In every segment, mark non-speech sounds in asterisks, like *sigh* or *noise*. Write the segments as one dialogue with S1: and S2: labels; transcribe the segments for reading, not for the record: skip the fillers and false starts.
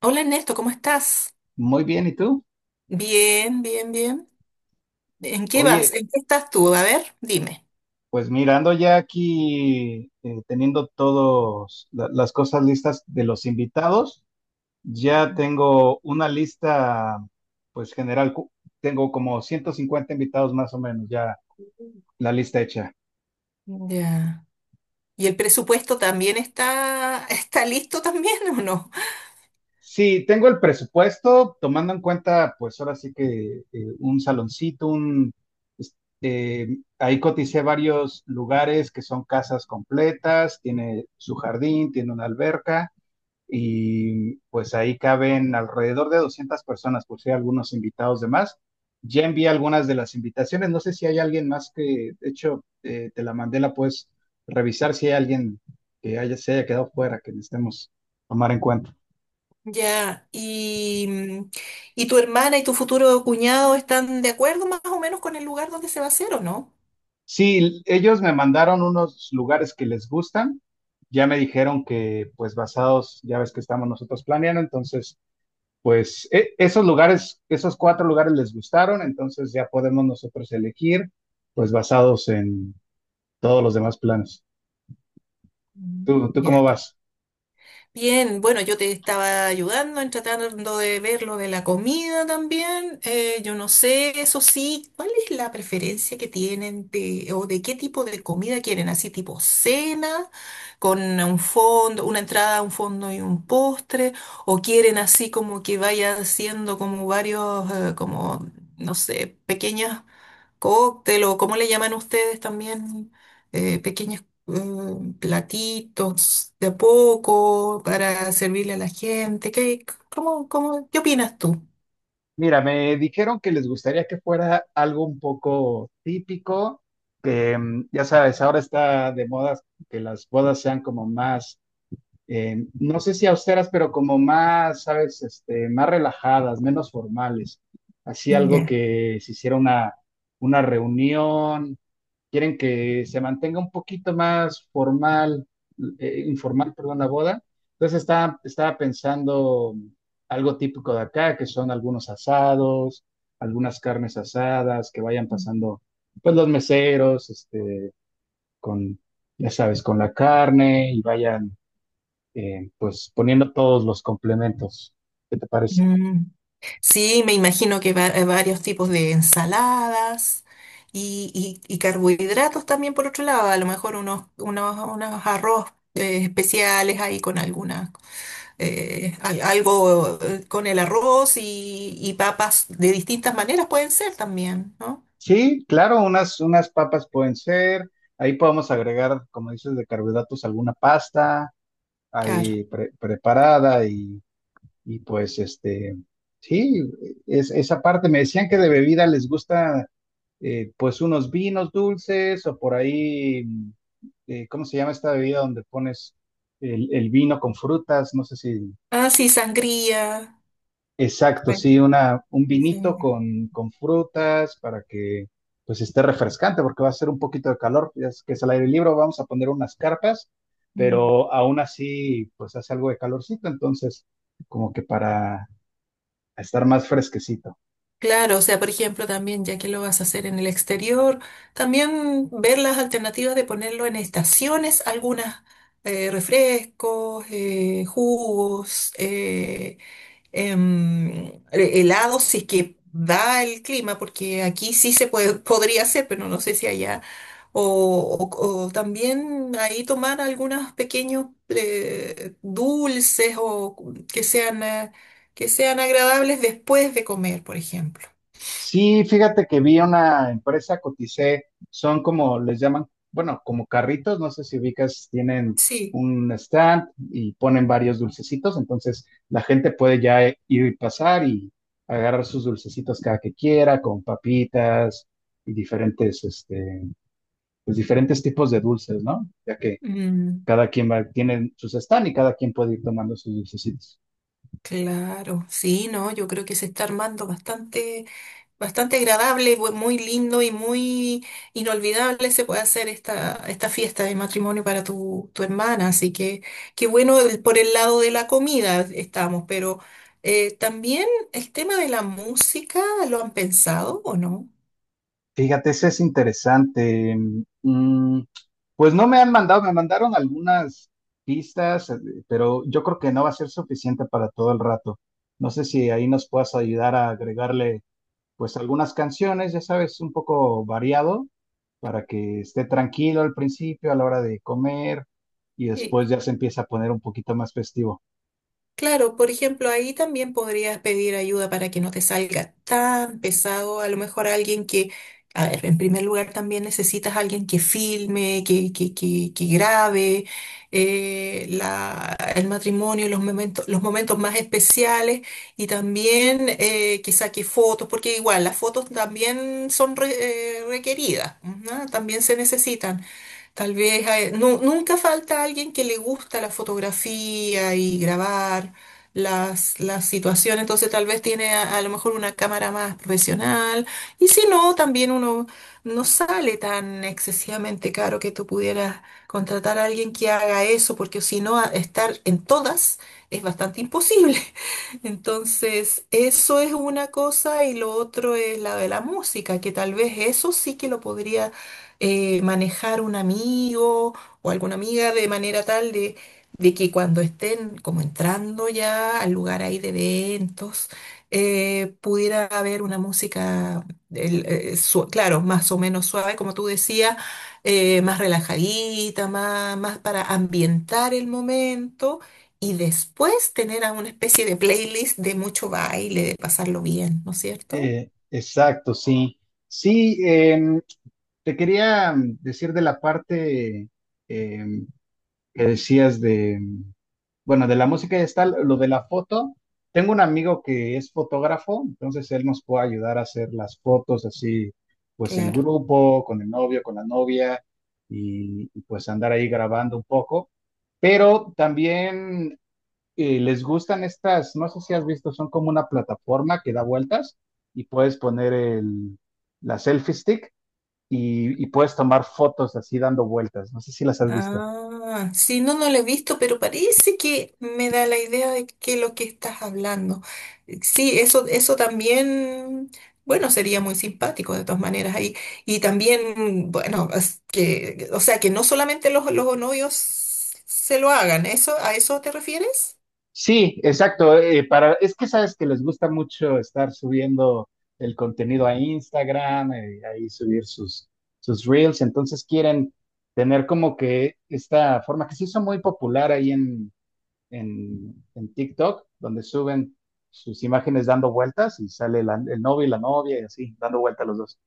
S1: Hola Ernesto, ¿cómo estás?
S2: Muy bien, ¿y tú?
S1: Bien, bien, bien. ¿En qué vas?
S2: Oye,
S1: ¿En qué estás tú? A ver, dime.
S2: pues mirando ya aquí, teniendo todas las cosas listas de los invitados, ya tengo una lista, pues general, tengo como 150 invitados más o menos, ya la lista hecha.
S1: Ya. ¿Y el presupuesto también está, *laughs* está listo también o no?
S2: Sí, tengo el presupuesto, tomando en cuenta, pues ahora sí que un saloncito, un, es- ahí coticé varios lugares que son casas completas, tiene su jardín, tiene una alberca. Y pues ahí caben alrededor de 200 personas, por si hay algunos invitados de más. Ya envié algunas de las invitaciones, no sé si hay alguien más que, de hecho, te la mandé, la puedes revisar si hay alguien que haya, se haya quedado fuera, que necesitemos tomar en cuenta.
S1: Ya. ¿Y tu hermana y tu futuro cuñado están de acuerdo más o menos con el lugar donde se va a hacer o no?
S2: Sí, ellos me mandaron unos lugares que les gustan, ya me dijeron que pues basados, ya ves que estamos nosotros planeando, entonces pues esos lugares, esos cuatro lugares les gustaron, entonces ya podemos nosotros elegir, pues basados en todos los demás planes.
S1: Mm.
S2: ¿Tú, tú
S1: Ya.
S2: cómo vas?
S1: Bien, bueno, yo te estaba ayudando en tratando de ver lo de la comida también. Yo no sé, eso sí, ¿cuál es la preferencia que tienen o de qué tipo de comida quieren? ¿Así tipo cena, con un fondo, una entrada, un fondo y un postre? ¿O quieren así como que vaya haciendo como varios, como, no sé, pequeñas cóctel o cómo le llaman ustedes también, pequeños platitos de a poco para servirle a la gente? ¿Qué opinas tú?
S2: Mira, me dijeron que les gustaría que fuera algo un poco típico, que mm, ya sabes, ahora está de moda que las bodas sean como más, no sé si austeras, pero como más, sabes, este, más relajadas, menos formales. Así algo
S1: Ya.
S2: que se hiciera una reunión quieren que se mantenga un poquito más formal, informal, perdón, la boda. Entonces está, estaba pensando algo típico de acá, que son algunos asados, algunas carnes asadas, que vayan pasando, pues los meseros, este, con, ya sabes, con la carne y vayan, pues poniendo todos los complementos. ¿Qué te parece?
S1: Mm. Sí, me imagino que varios tipos de ensaladas y carbohidratos también por otro lado, a lo mejor unos arroz especiales ahí con algunas. Algo con el arroz y papas de distintas maneras pueden ser también, ¿no?
S2: Sí, claro, unas, unas papas pueden ser. Ahí podemos agregar, como dices, de carbohidratos alguna pasta,
S1: Claro.
S2: ahí preparada y pues este, sí, es, esa parte, me decían que de bebida les gusta pues unos vinos dulces o por ahí, ¿cómo se llama esta bebida donde pones el vino con frutas? No sé si.
S1: Ah, sí, sangría.
S2: Exacto,
S1: Bueno,
S2: sí, una, un
S1: sí,
S2: vinito
S1: sangría.
S2: con frutas para que pues esté refrescante porque va a ser un poquito de calor, ya es que es al aire libre, vamos a poner unas carpas,
S1: Mm.
S2: pero aún así pues hace algo de calorcito, entonces como que para estar más fresquecito.
S1: Claro, o sea, por ejemplo, también ya que lo vas a hacer en el exterior, también ver las alternativas de ponerlo en estaciones, algunas refrescos, jugos, em, helado si es que da el clima, porque aquí sí se puede, *laughs* podría hacer, pero no sé si allá. O también ahí tomar algunos pequeños dulces o que sean agradables después de comer, por ejemplo.
S2: Sí, fíjate que vi una empresa, coticé, son como les llaman, bueno, como carritos, no sé si ubicas, tienen
S1: Sí,
S2: un stand y ponen varios dulcecitos, entonces la gente puede ya ir y pasar y agarrar sus dulcecitos cada que quiera, con papitas y diferentes, este, pues diferentes tipos de dulces, ¿no? Ya que
S1: mm,
S2: cada quien va, tiene sus stand y cada quien puede ir tomando sus dulcecitos.
S1: claro, sí, no, yo creo que se está armando bastante. Bastante agradable, muy lindo y muy inolvidable se puede hacer esta fiesta de matrimonio para tu hermana. Así que qué bueno por el lado de la comida estamos, pero también el tema de la música, ¿lo han pensado o no?
S2: Fíjate, eso es interesante. Mm, pues no me han mandado, me mandaron algunas pistas, pero yo creo que no va a ser suficiente para todo el rato. No sé si ahí nos puedas ayudar a agregarle, pues algunas canciones, ya sabes, un poco variado, para que esté tranquilo al principio, a la hora de comer, y después ya se empieza a poner un poquito más festivo.
S1: Claro, por ejemplo, ahí también podrías pedir ayuda para que no te salga tan pesado. A lo mejor alguien que, a ver, en primer lugar también necesitas alguien que filme, que grabe el matrimonio, los momentos más especiales y también que saque fotos, porque igual las fotos también son requeridas, ¿no? También se necesitan. Tal vez nunca falta alguien que le gusta la fotografía y grabar las situaciones, entonces tal vez tiene a lo mejor una cámara más profesional y si no, también uno no sale tan excesivamente caro que tú pudieras contratar a alguien que haga eso, porque si no, estar en todas es bastante imposible. *laughs* Entonces, eso es una cosa y lo otro es la de la música, que tal vez eso sí que lo podría manejar un amigo o alguna amiga de manera tal de que cuando estén como entrando ya al lugar ahí de eventos, pudiera haber una música, claro, más o menos suave, como tú decías, más relajadita, más para ambientar el momento y después tener a una especie de playlist de mucho baile, de pasarlo bien, ¿no es cierto?
S2: Exacto, sí. Sí, em, te quería mm, decir de la parte... em, que decías de, bueno, de la música y está lo de la foto. Tengo un amigo que es fotógrafo, entonces él nos puede ayudar a hacer las fotos así, pues en
S1: Claro.
S2: grupo, con el novio, con la novia, y pues andar ahí grabando un poco. Pero también les gustan estas, no sé si has visto, son como una plataforma que da vueltas y puedes poner el, la selfie stick y puedes tomar fotos así dando vueltas. No sé si las has visto.
S1: Ah, sí, no, no lo he visto, pero parece que me da la idea de que lo que estás hablando. Sí, eso también, bueno, sería muy simpático de todas maneras ahí. Y también, bueno, es que, o sea, que no solamente los novios se lo hagan, ¿eso, a eso te refieres?
S2: Sí, exacto. Para, es que sabes que les gusta mucho estar subiendo el contenido a Instagram, ahí subir sus, sus reels. Entonces quieren tener como que esta forma que se hizo muy popular ahí en TikTok, donde suben sus imágenes dando vueltas y sale el novio y la novia y así, dando vueltas los dos.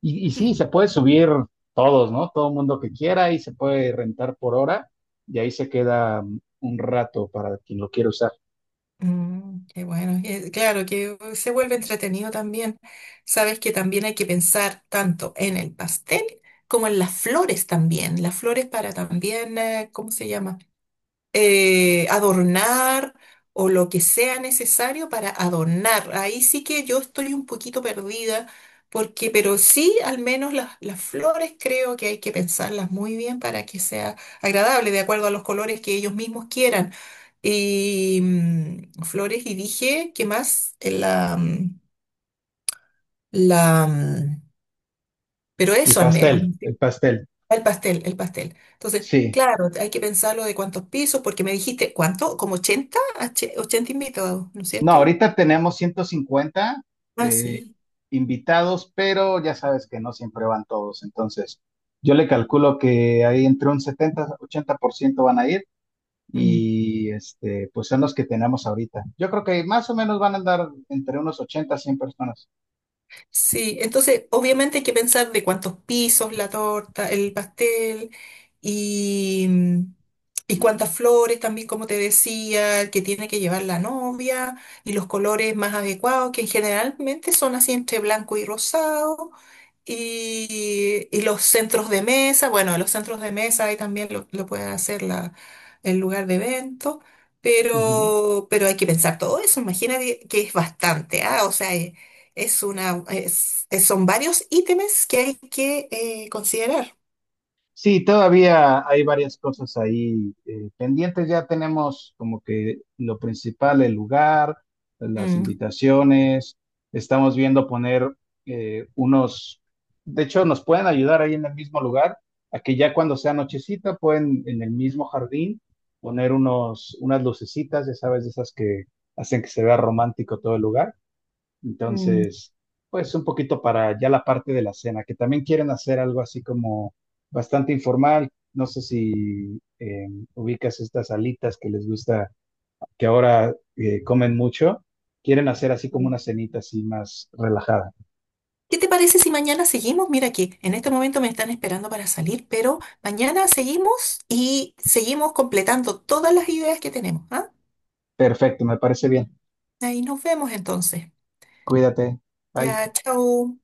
S2: Y sí, se puede subir todos, ¿no? Todo mundo que quiera y se puede rentar por hora y ahí se queda un rato para quien lo quiera usar.
S1: Mm, qué bueno, claro que se vuelve entretenido también. Sabes que también hay que pensar tanto en el pastel como en las flores también. Las flores para también, ¿cómo se llama? Adornar o lo que sea necesario para adornar. Ahí sí que yo estoy un poquito perdida, porque, pero sí, al menos las flores creo que hay que pensarlas muy bien para que sea agradable, de acuerdo a los colores que ellos mismos quieran. Y flores y dije, ¿qué más? La, mm, pero
S2: El
S1: eso al menos.
S2: pastel, el pastel.
S1: El pastel, el pastel. Entonces,
S2: Sí.
S1: claro, hay que pensarlo de cuántos pisos, porque me dijiste, ¿cuánto? ¿Como 80 invitados, no es
S2: No,
S1: cierto?
S2: ahorita tenemos 150
S1: Ah,
S2: eh,
S1: sí.
S2: invitados, pero ya sabes que no siempre van todos. Entonces, yo le calculo que ahí entre un 70, 80% van a ir
S1: Mm.
S2: y este, pues son los que tenemos ahorita. Yo creo que más o menos van a andar entre unos 80, 100 personas.
S1: Sí, entonces obviamente hay que pensar de cuántos pisos la torta, el pastel y, mm, y cuántas flores también, como te decía, que tiene que llevar la novia y los colores más adecuados, que generalmente son así entre blanco y rosado. Y los centros de mesa, bueno, los centros de mesa ahí también lo puede hacer el lugar de evento, pero hay que pensar todo eso, imagínate que es bastante, ¿ah? O sea, es una, es- son varios ítems que hay que considerar.
S2: Sí, todavía hay varias cosas ahí pendientes. Ya tenemos como que lo principal, el lugar, las
S1: Mm,
S2: invitaciones. Estamos viendo poner unos, de hecho, nos pueden ayudar ahí en el mismo lugar, a que ya cuando sea nochecita pueden en el mismo jardín poner unos, unas lucecitas, ya sabes, de esas que hacen que se vea romántico todo el lugar.
S1: mm,
S2: Entonces, pues un poquito para ya la parte de la cena, que también quieren hacer algo así como bastante informal. No sé si ubicas estas alitas que les gusta, que ahora comen mucho. Quieren hacer así como
S1: sí.
S2: una cenita así más relajada.
S1: ¿Qué te parece si mañana seguimos? Mira que en este momento me están esperando para salir, pero mañana seguimos y seguimos completando todas las ideas que tenemos, ¿ah?
S2: Perfecto, me parece bien.
S1: Ahí nos vemos entonces.
S2: Cuídate. Bye.
S1: Ya, chao.